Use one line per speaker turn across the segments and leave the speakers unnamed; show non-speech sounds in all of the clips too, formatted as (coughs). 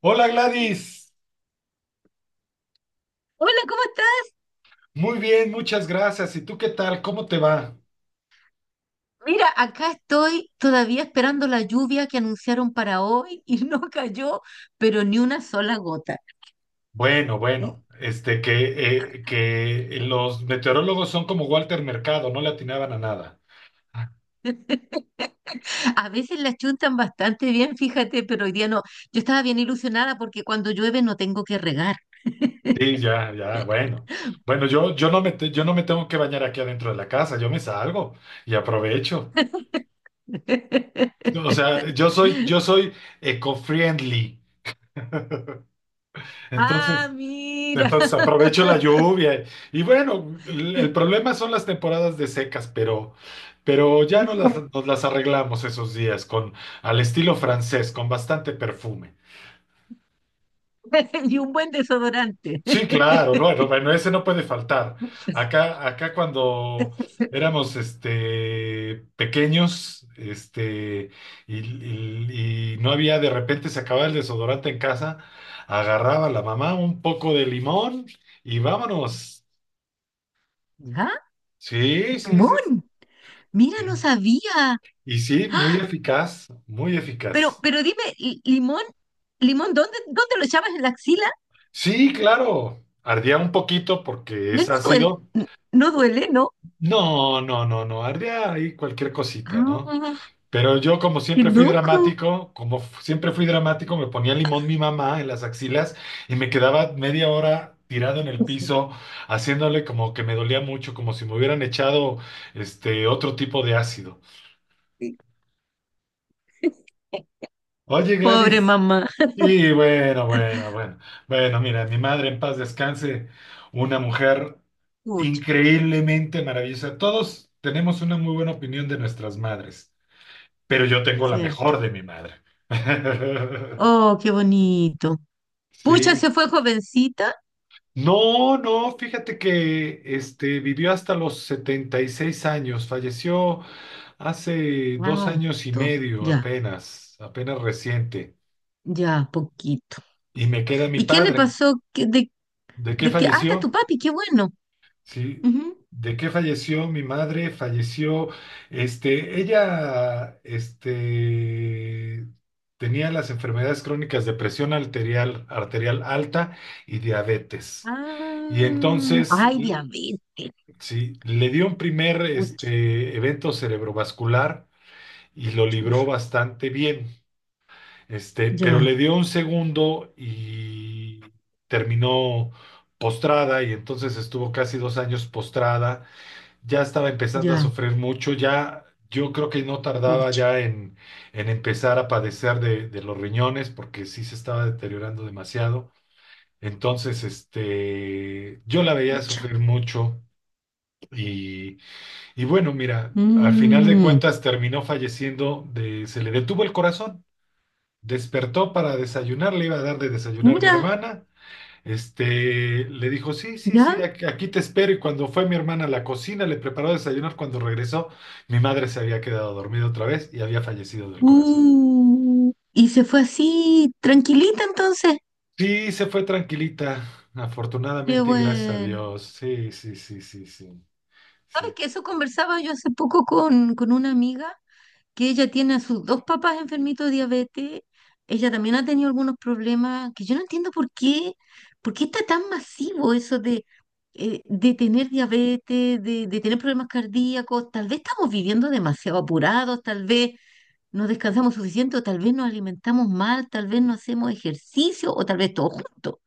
Hola Gladys,
Hola, ¿cómo estás?
muy bien, muchas gracias. ¿Y tú qué tal? ¿Cómo te va?
Mira, acá estoy todavía esperando la lluvia que anunciaron para hoy y (laughs) no cayó, pero ni una sola gota.
Bueno, bueno, que los meteorólogos son como Walter Mercado, no le atinaban a nada.
(laughs) A veces la chuntan bastante bien, fíjate, pero hoy día no. Yo estaba bien ilusionada porque cuando llueve no tengo que regar.
Sí, ya, ya, bueno. Bueno, yo no me tengo que bañar aquí adentro de la casa, yo me salgo y aprovecho. O sea,
(laughs)
yo soy eco-friendly.
Ah,
Entonces,
mira.
entonces aprovecho la lluvia. Y bueno, el problema son las temporadas de secas, pero ya nos las,
(laughs)
nos las arreglamos esos días con al estilo francés, con bastante perfume.
Y un buen desodorante.
Sí, claro, bueno, bueno, ese no puede faltar.
(laughs)
Acá cuando éramos pequeños, y no había de repente se acababa el desodorante en casa, agarraba la mamá un poco de limón y vámonos.
¿Ah?
Sí, sí, sí, sí.
¡Jamón! Mira, no
Sí.
sabía.
Y sí, muy eficaz, muy
Pero,
eficaz.
pero dime, limón, limón, ¿ dónde lo echabas en la axila?
Sí, claro, ardía un poquito porque
No
es
no duele,
ácido.
no duele, ¿no?
No, no, no, no, ardía ahí cualquier cosita, ¿no?
Ah,
Pero yo como
qué
siempre fui
loco.
dramático, siempre fui dramático, me ponía limón mi mamá en las axilas y me quedaba media hora tirado en el piso, haciéndole como que me dolía mucho, como si me hubieran echado este otro tipo de ácido.
(laughs)
Oye,
Pobre
Gladys.
mamá.
Y bueno, bueno, bueno. Bueno, mira, mi madre en paz descanse, una mujer
Pucha,
increíblemente maravillosa. Todos tenemos una muy buena opinión de nuestras madres, pero yo tengo la
cierto.
mejor de mi madre. (laughs)
Oh, qué bonito. Pucha se
Sí.
fue jovencita.
No, no, fíjate que vivió hasta los 76 años, falleció hace dos años y
Harto.
medio
Ya,
apenas, apenas reciente.
ya, poquito.
Y me queda mi
¿Y qué le
padre.
pasó? ¿Qué- de,
¿De qué
de qué? Ah, está tu
falleció?
papi, qué bueno.
Sí.
Ujú.
¿De qué falleció mi madre? Falleció, ella, tenía las enfermedades crónicas de presión arterial, arterial alta y diabetes. Y
Ah,
entonces,
ay, diabetes.
sí, le dio un primer,
Pucha,
evento cerebrovascular y lo libró
churra.
bastante bien. Pero
Ya,
le dio un segundo y terminó postrada y entonces estuvo casi 2 años postrada. Ya estaba empezando a
ya,
sufrir mucho, ya yo creo que no tardaba
pucha.
ya en empezar a padecer de los riñones porque sí se estaba deteriorando demasiado. Entonces, yo la veía
Pucha.
sufrir mucho y, y bueno, mira, al final de
Mm,
cuentas terminó falleciendo de, se le detuvo el corazón, despertó para desayunar, le iba a dar de desayunar mi
mira,
hermana. Le dijo, sí, sí, sí,
ya.
aquí te espero. Y cuando fue mi hermana a la cocina, le preparó desayunar. Cuando regresó, mi madre se había quedado dormida otra vez y había fallecido del corazón.
Y se fue así, tranquilita entonces.
Sí, se fue tranquilita,
Qué
afortunadamente y gracias a
bueno.
Dios. Sí, sí, sí, sí, sí,
¿Sabes
sí.
que eso conversaba yo hace poco con una amiga que ella tiene a sus dos papás enfermitos de diabetes. Ella también ha tenido algunos problemas que yo no entiendo por qué está tan masivo eso de tener diabetes, de tener problemas cardíacos. Tal vez estamos viviendo demasiado apurados, tal vez no descansamos suficiente o tal vez nos alimentamos mal, tal vez no hacemos ejercicio o tal vez todo junto.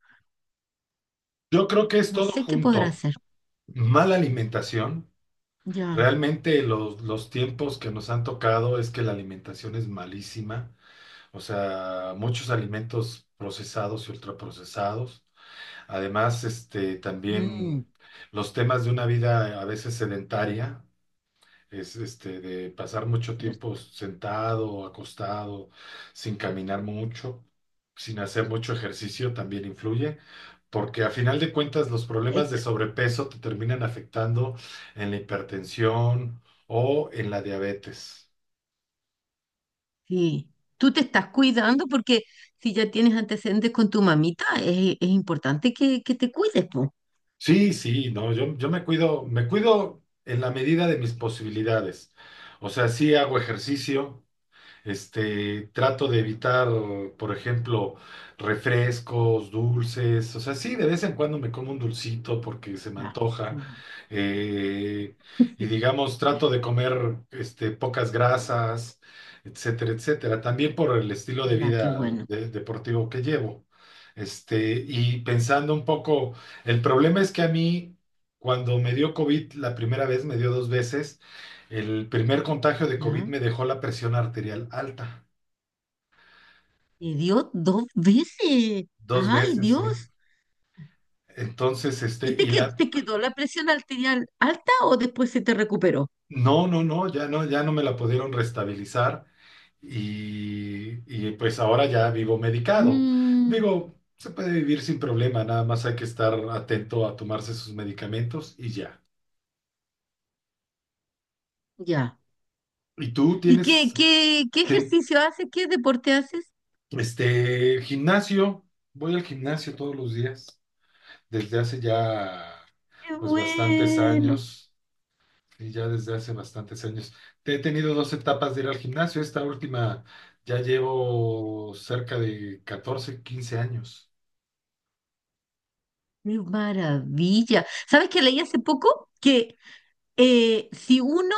Yo creo que es
No
todo
sé qué podrá
junto.
hacer.
Mala alimentación.
Ya,
Realmente los tiempos que nos han tocado es que la alimentación es malísima. O sea, muchos alimentos procesados y ultraprocesados. Además,
mm,
también los temas de una vida a veces sedentaria, es de pasar mucho tiempo
cierto.
sentado, acostado, sin caminar mucho, sin hacer mucho ejercicio, también influye, porque a final de cuentas los problemas de
Esta-
sobrepeso te terminan afectando en la hipertensión o en la diabetes.
sí. Tú te estás cuidando porque si ya tienes antecedentes con tu mamita, es importante que te cuides, po.
Sí, sí, no, yo me cuido en la medida de mis posibilidades. O sea, sí hago ejercicio. Trato de evitar, por ejemplo, refrescos, dulces. O sea, sí, de vez en cuando me como un dulcito porque se me
Ya, qué
antoja.
bueno.
eh, y
(laughs)
digamos, trato de comer pocas grasas, etcétera, etcétera. También por el estilo de
Ya, qué
vida
bueno.
deportivo que llevo. Y pensando un poco, el problema es que a mí, cuando me dio COVID la primera vez, me dio dos veces. El primer contagio de COVID
Ya.
me dejó la presión arterial alta,
Te dio dos veces.
dos
Ay,
veces, ¿sí?
Dios.
Entonces,
¿Y te quedó la presión arterial alta o después se te recuperó?
no, no, no, ya no me la pudieron restabilizar y pues ahora ya vivo medicado.
Mm,
Digo, se puede vivir sin problema, nada más hay que estar atento a tomarse sus medicamentos y ya.
ya.
¿Y tú
¿Y
tienes
qué
te-
ejercicio haces? ¿Qué deporte haces?
gimnasio? Voy al gimnasio todos los días, desde hace ya
Qué
pues bastantes
bueno,
años. Y ya desde hace bastantes años. He tenido dos etapas de ir al gimnasio. Esta última ya llevo cerca de 14 15 años.
qué maravilla. ¿Sabes qué leí hace poco? Que si uno,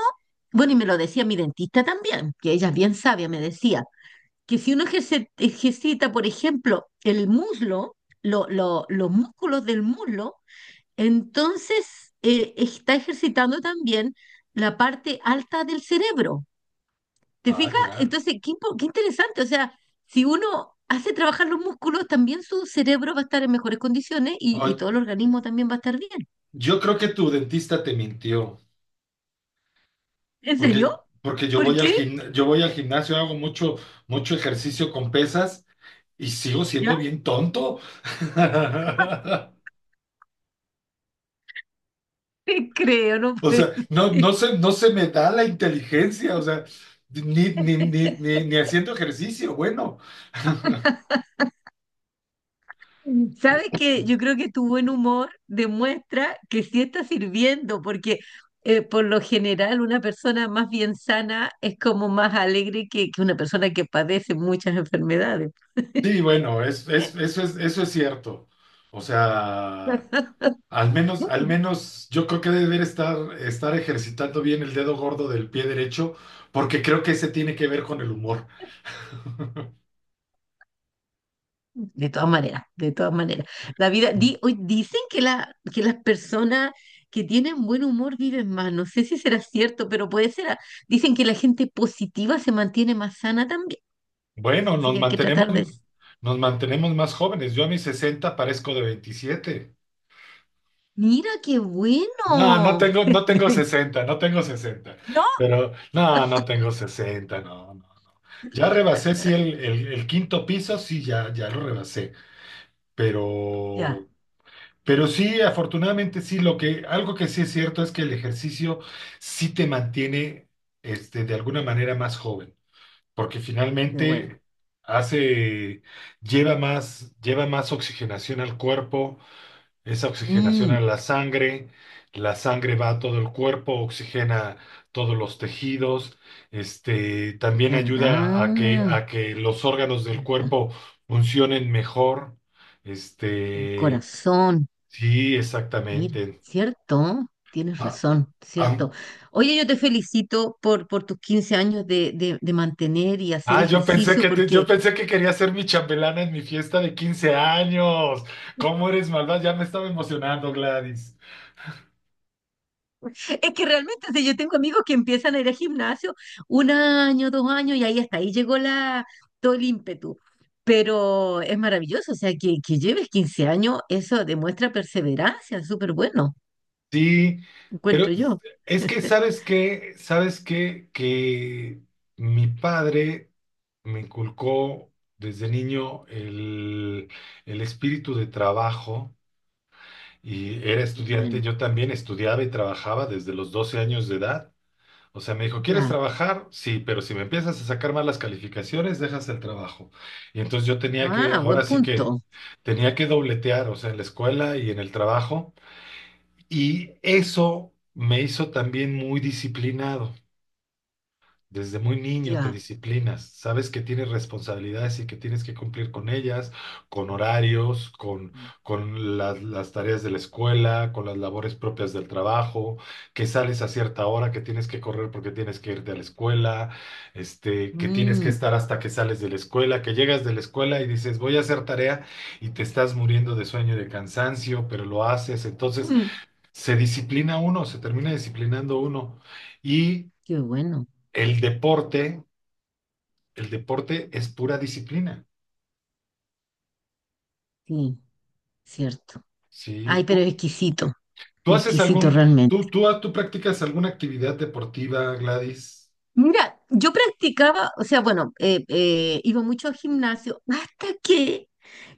bueno, y me lo decía mi dentista también, que ella es bien sabia, me decía, que si uno ejercita, por ejemplo, el muslo, los músculos del muslo, entonces está ejercitando también la parte alta del cerebro. ¿Te
Ah,
fijas?
ya.
Entonces, qué interesante. O sea, si uno hace trabajar los músculos, también su cerebro va a estar en mejores condiciones y
Ay,
todo el organismo también va a estar bien.
yo creo que tu dentista te mintió,
¿En
porque,
serio?
porque yo
¿Por
voy al
qué?
gimnasio, yo voy al gimnasio, hago mucho, mucho ejercicio con pesas y sigo siendo
¿Ya?
bien tonto.
(laughs)
(laughs)
Te creo, no
O sea,
puede
no,
ser.
no se me da la inteligencia, o sea, ni, ni, ni,
(laughs)
ni, ni haciendo ejercicio, bueno.
Sabes que yo creo que tu buen humor demuestra que sí está sirviendo, porque por lo general una persona más bien sana es como más alegre que una persona que padece muchas enfermedades.
Sí, bueno, eso es cierto. O sea,
(laughs)
al menos yo creo que debe de estar ejercitando bien el dedo gordo del pie derecho, porque creo que ese tiene que ver con el humor.
De todas maneras, de todas maneras. La vida, hoy dicen que, la, que las personas que tienen buen humor viven más. No sé si será cierto, pero puede ser. Dicen que la gente positiva se mantiene más sana también.
Bueno,
Así que hay que tratar de...
nos mantenemos más jóvenes. Yo a mis 60 parezco de 27.
Mira qué
No, no
bueno.
tengo, no
(laughs) De
tengo
vein-
60, no tengo sesenta.
No,
Pero, no, no tengo 60, no, no. Ya rebasé, sí, el quinto piso, sí, ya, ya lo rebasé. Pero
ya,
pero sí, afortunadamente sí, algo que sí es cierto es que el ejercicio sí te mantiene, de alguna manera más joven, porque
qué bueno.
finalmente hace, lleva más oxigenación al cuerpo, esa oxigenación a
Mm,
la sangre va a todo el cuerpo, oxigena todos los tejidos, también ayuda
¿verdad?
a que los órganos del
¿Verdad?
cuerpo funcionen mejor, este.
Corazón.
Sí,
Mira,
exactamente.
cierto, tienes
Ah,
razón,
ah,
cierto. Oye, yo te felicito por tus 15 años de, de mantener y hacer
ah, yo pensé
ejercicio, porque
que quería ser mi chambelana en mi fiesta de 15 años. ¿Cómo eres malvada? Ya me estaba emocionando, Gladys.
es que realmente, si yo tengo amigos que empiezan a ir al gimnasio un año, dos años, y ahí hasta ahí llegó la, todo el ímpetu. Pero es maravilloso, o sea, que lleves 15 años, eso demuestra perseverancia, súper bueno,
Sí, pero
encuentro yo.
es que
(laughs)
sabes qué, que mi padre me inculcó desde niño el espíritu de trabajo y era
Qué
estudiante.
bueno,
Yo también estudiaba y trabajaba desde los 12 años de edad. O sea, me dijo, ¿quieres
ya.
trabajar? Sí, pero si me empiezas a sacar malas calificaciones, dejas el trabajo. Y entonces yo tenía que,
Ah,
ahora
buen
sí que,
punto,
tenía que dobletear, o sea, en la escuela y en el trabajo. Y eso me hizo también muy disciplinado. Desde muy niño te
ya.
disciplinas, sabes que tienes responsabilidades y que tienes que cumplir con ellas, con horarios, con las tareas de la escuela, con las labores propias del trabajo, que sales a cierta hora, que tienes que correr porque tienes que irte a la escuela, que tienes que
Mm.
estar hasta que sales de la escuela, que llegas de la escuela y dices voy a hacer tarea y te estás muriendo de sueño y de cansancio, pero lo haces. Entonces
(laughs)
se disciplina uno, se termina disciplinando uno. Y
Qué bueno,
el deporte. El deporte es pura disciplina.
sí, cierto. Ay,
Sí,
pero
tú,
exquisito,
tú haces
exquisito
algún,
realmente.
tú, ah, tú practicas alguna actividad deportiva, Gladys.
Mira, yo practicaba, o sea, bueno, iba mucho al gimnasio hasta que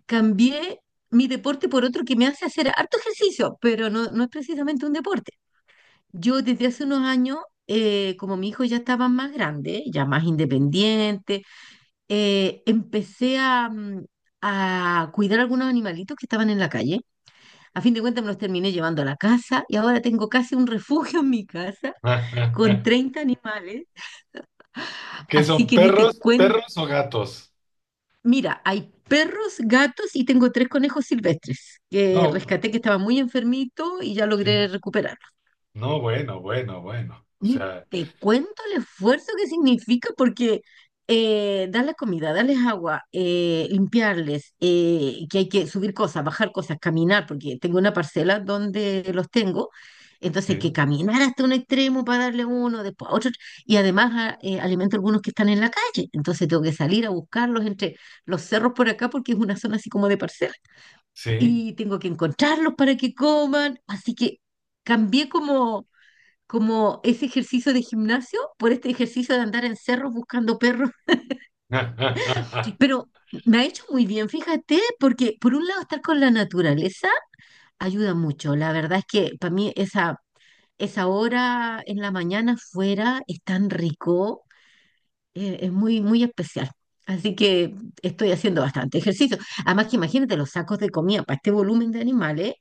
cambié mi deporte por otro que me hace hacer harto ejercicio, pero no, no es precisamente un deporte. Yo desde hace unos años, como mi hijo ya estaba más grande, ya más independiente, empecé a, a cuidar algunos animalitos que estaban en la calle. A fin de cuentas me los terminé llevando a la casa y ahora tengo casi un refugio en mi casa con
(laughs)
30 animales.
¿Qué
Así
son
que ni te
perros,
cuento.
perros o gatos?
Mira, hay perros, gatos y tengo tres conejos silvestres que
No,
rescaté que estaban muy enfermitos y ya
sí.
logré recuperar.
No, bueno, bueno, bueno. O
Ni
sea,
te cuento el esfuerzo que significa porque darles comida, darles agua, limpiarles, que hay que subir cosas, bajar cosas, caminar, porque tengo una parcela donde los tengo, entonces hay
sí,
que caminar hasta un extremo para darle uno, después a otro, y además alimento algunos que están en la calle, entonces tengo que salir a buscarlos entre los cerros por acá porque es una zona así como de parcela,
sí.
y tengo que encontrarlos para que coman, así que cambié como como ese ejercicio de gimnasio por este ejercicio de andar en cerros buscando perros.
(laughs)
Pero me ha hecho muy bien, fíjate, porque por un lado estar con la naturaleza ayuda mucho. La verdad es que para mí esa, esa hora en la mañana fuera es tan rico, es muy especial. Así que estoy haciendo bastante ejercicio. Además que imagínate los sacos de comida para este volumen de animales.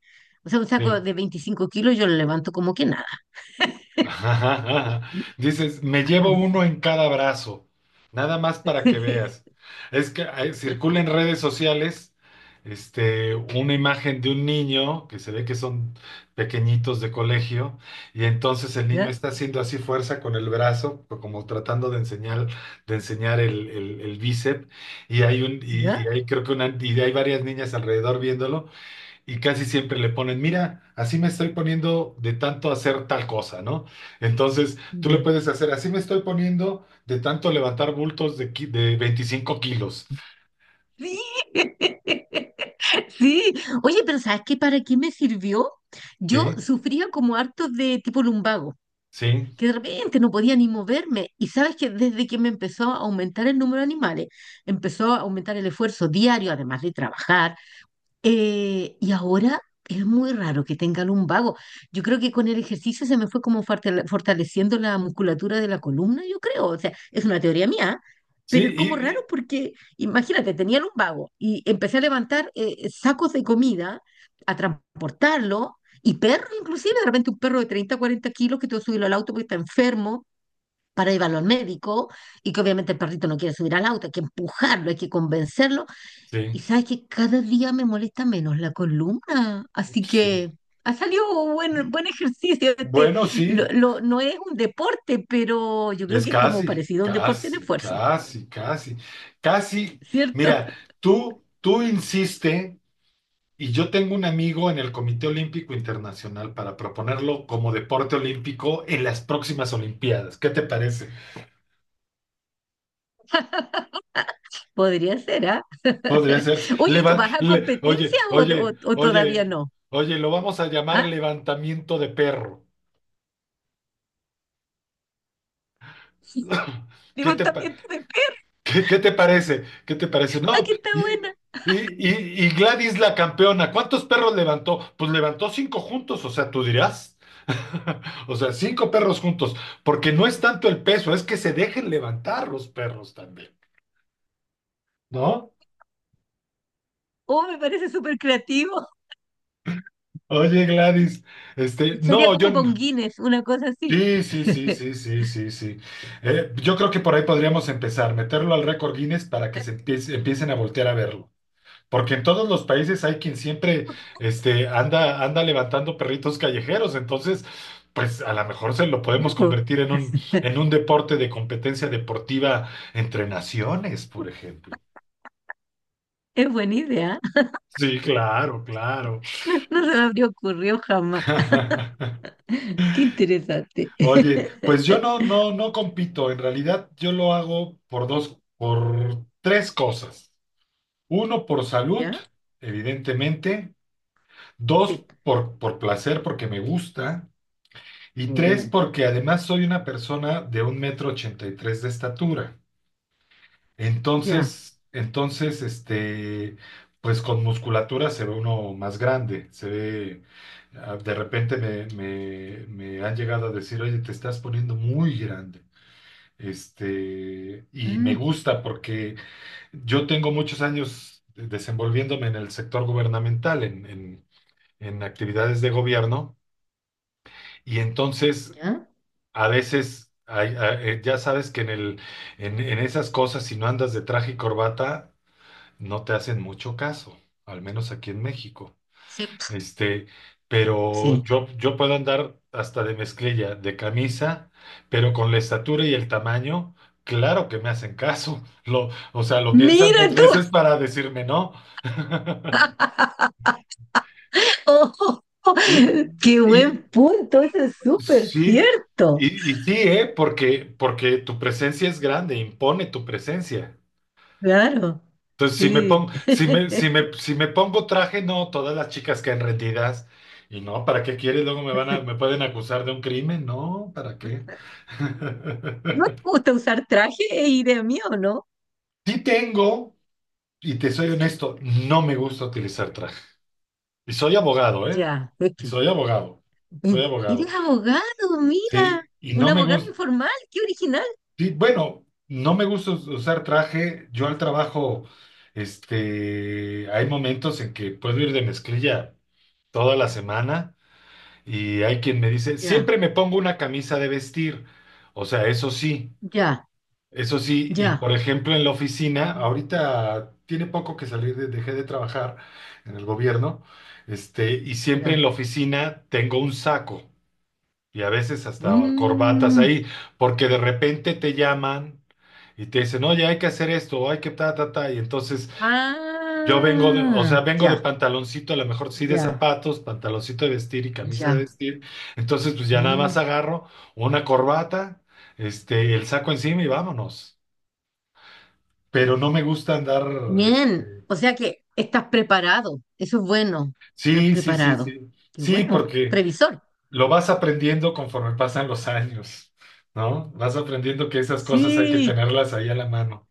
O sea, un saco
Sí.
de 25 kilos yo lo levanto como que nada.
(laughs) Dices, me llevo uno
Así
en cada brazo, nada más para que
que...
veas. Es que circula en redes sociales una imagen de un niño que se ve que son pequeñitos de colegio y entonces el
(laughs)
niño
¿Ya?
está haciendo así fuerza con el brazo, como tratando de enseñar el bíceps y hay un,
¿Ya?
y hay creo que una, y hay varias niñas alrededor viéndolo y casi siempre le ponen, mira, así me estoy poniendo de tanto hacer tal cosa, ¿no? Entonces, tú le
¿Ya?
puedes hacer, así me estoy poniendo de tanto levantar bultos de 25 kilos.
Sí, (laughs) sí. Oye, pero ¿sabes qué? ¿Para qué me sirvió? Yo
Sí,
sufría como hartos de tipo lumbago,
sí,
que de repente no podía ni moverme. Y sabes que desde que me empezó a aumentar el número de animales, empezó a aumentar el esfuerzo diario, además de trabajar, y ahora es muy raro que tenga lumbago. Yo creo que con el ejercicio se me fue como fortaleciendo la musculatura de la columna, yo creo. O sea, es una teoría mía,
sí,
pero es como raro porque, imagínate, tenía lumbago y empecé a levantar sacos de comida, a transportarlo, y perros inclusive, de repente un perro de 30, 40 kilos que tuvo que subirlo al auto porque está enfermo. Para llevarlo al médico y que obviamente el perrito no quiere subir al auto, hay que empujarlo, hay que convencerlo y
sí,
sabes que cada día me molesta menos la columna, así
sí.
que ha salido buen, buen ejercicio. Este,
Bueno, sí,
lo, no es un deporte, pero yo creo
es
que es como
casi,
parecido a un deporte en
casi,
esfuerzo,
casi, casi, casi.
¿cierto?
Mira,
(laughs)
tú insistes. Y yo tengo un amigo en el Comité Olímpico Internacional para proponerlo como deporte olímpico en las próximas Olimpiadas. ¿Qué te parece?
Podría ser, ¿ah?
Podría
(laughs)
ser.
Oye, ¿y ¿tú vas a
Oye,
competencias o,
oye,
o
oye,
todavía no?
oye, lo vamos a llamar
¿Ah?
levantamiento de perro. (coughs) (laughs) ¿Qué te parece?
Levantamiento de pesas,
¿Qué te parece? ¿Qué te parece?
¡ah,
No,
que está
y,
buena!
y, y, y Gladys la campeona, ¿cuántos perros levantó? Pues levantó cinco juntos, o sea, tú dirás. (laughs) O sea, cinco perros juntos, porque no es tanto el peso, es que se dejen levantar los perros también, ¿no?
Oh, me parece súper creativo.
Oye, Gladys,
(laughs) Sería
no, yo
como para
no.
un Guinness, una cosa así.
Sí, sí, sí,
(laughs)
sí, sí, sí, sí. Yo creo que por ahí podríamos empezar, meterlo al récord Guinness para que se empiecen a voltear a verlo. Porque en todos los países hay quien siempre anda levantando perritos callejeros, entonces, pues a lo mejor se lo podemos
Ujú.
convertir
(laughs)
en un deporte de competencia deportiva entre naciones, por ejemplo.
Es buena idea.
Sí, claro, claro.
(laughs) No, no se me habría ocurrido jamás.
(laughs)
Qué interesante.
Oye, pues yo
(laughs)
no, no, no compito. En realidad, yo lo hago por dos, por tres cosas. Uno, por salud,
¿Ya?
evidentemente. Dos,
Sí.
por placer, porque me gusta. Y
Muy
tres,
bien.
porque además soy una persona de 1.83 m de estatura.
Ya.
Entonces, pues con musculatura se ve uno más grande. Se ve, ah, de repente me han llegado a decir, oye, te estás poniendo muy grande. Y me
Ah,
gusta porque yo tengo muchos años desenvolviéndome en el sector gubernamental, en, en actividades de gobierno. Y entonces
¿ya?
a veces, ya sabes que en esas cosas, si no andas de traje y corbata, no te hacen mucho caso, al menos aquí en México.
Sí.
Este, pero
Sí.
yo puedo andar hasta de mezclilla, de camisa, pero con la estatura y el tamaño, claro que me hacen caso. (laughs) O sea, lo piensan
Mira
dos
tú.
veces para decirme no.
(laughs) ¡Oh!
Y,
Qué buen
y
punto. Eso es súper
sí,
cierto.
y sí, ¿eh? Porque tu presencia es grande, impone tu presencia.
Claro.
Entonces, si me
Sí.
pongo, si me, si
(laughs)
me, si me pongo traje, no, todas las chicas quedan rendidas. Y no, ¿para qué quieres? Luego me pueden acusar de un crimen. No, ¿para qué? (laughs)
¿No te gusta usar traje e ir de mí o no?
Sí tengo, y te soy honesto, no me gusta utilizar traje. Y soy abogado, ¿eh?
Ya.
Y soy abogado. Soy
Mm.
abogado.
Eres abogado, mira.
Sí, y
Un
no me
abogado
gusta,
informal. Qué original.
bueno, no me gusta usar traje. Yo al trabajo, hay momentos en que puedo ir de mezclilla toda la semana. Y hay quien me dice,
Ya.
siempre me pongo una camisa de vestir. O sea, eso sí,
Ya.
eso sí. Y
Ya.
por ejemplo, en la oficina,
Ujú,
ahorita tiene poco que salir, dejé de trabajar en el gobierno, y siempre en
ya.
la oficina tengo un saco y a veces hasta corbatas
Mm,
ahí, porque de repente te llaman y te dicen, oye, hay que hacer esto, o hay que ta, ta, ta. Y entonces yo o
ah,
sea, vengo de
ya,
pantaloncito, a lo mejor sí de
ya,
zapatos, pantaloncito de vestir y camisa de
ya.
vestir. Entonces, pues ya nada más
Ni-
agarro una corbata, el saco encima y vámonos. Pero no me gusta andar,
Bien.
este,
O sea que estás preparado. Eso es bueno. Estás
sí, sí, sí,
preparado.
sí.
Qué
Sí,
bueno.
porque
Previsor.
lo vas aprendiendo conforme pasan los años, ¿no? Vas aprendiendo que esas cosas hay que
Sí,
tenerlas ahí a la mano.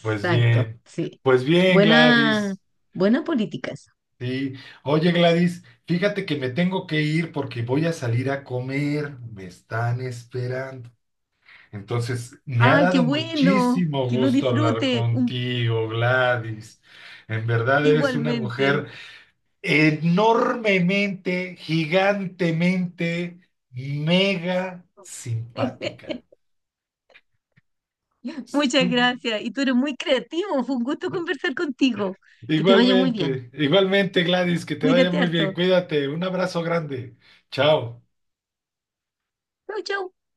Pues bien,
Sí.
pues bien,
Buena,
Gladys.
buena política esa.
Sí, oye Gladys, fíjate que me tengo que ir porque voy a salir a comer, me están esperando. Entonces, me ha
Ay, qué
dado
bueno.
muchísimo
Que lo
gusto hablar
disfrute
contigo, Gladys. En verdad eres una
igualmente.
mujer enormemente, gigantemente, mega simpática.
(laughs) Muchas
Su-
gracias. Y tú eres muy creativo. Fue un gusto conversar contigo. Que te vaya muy bien.
Igualmente, igualmente Gladys, que te vaya
Cuídate
muy bien,
harto.
cuídate, un abrazo grande, chao.
Chau, chau.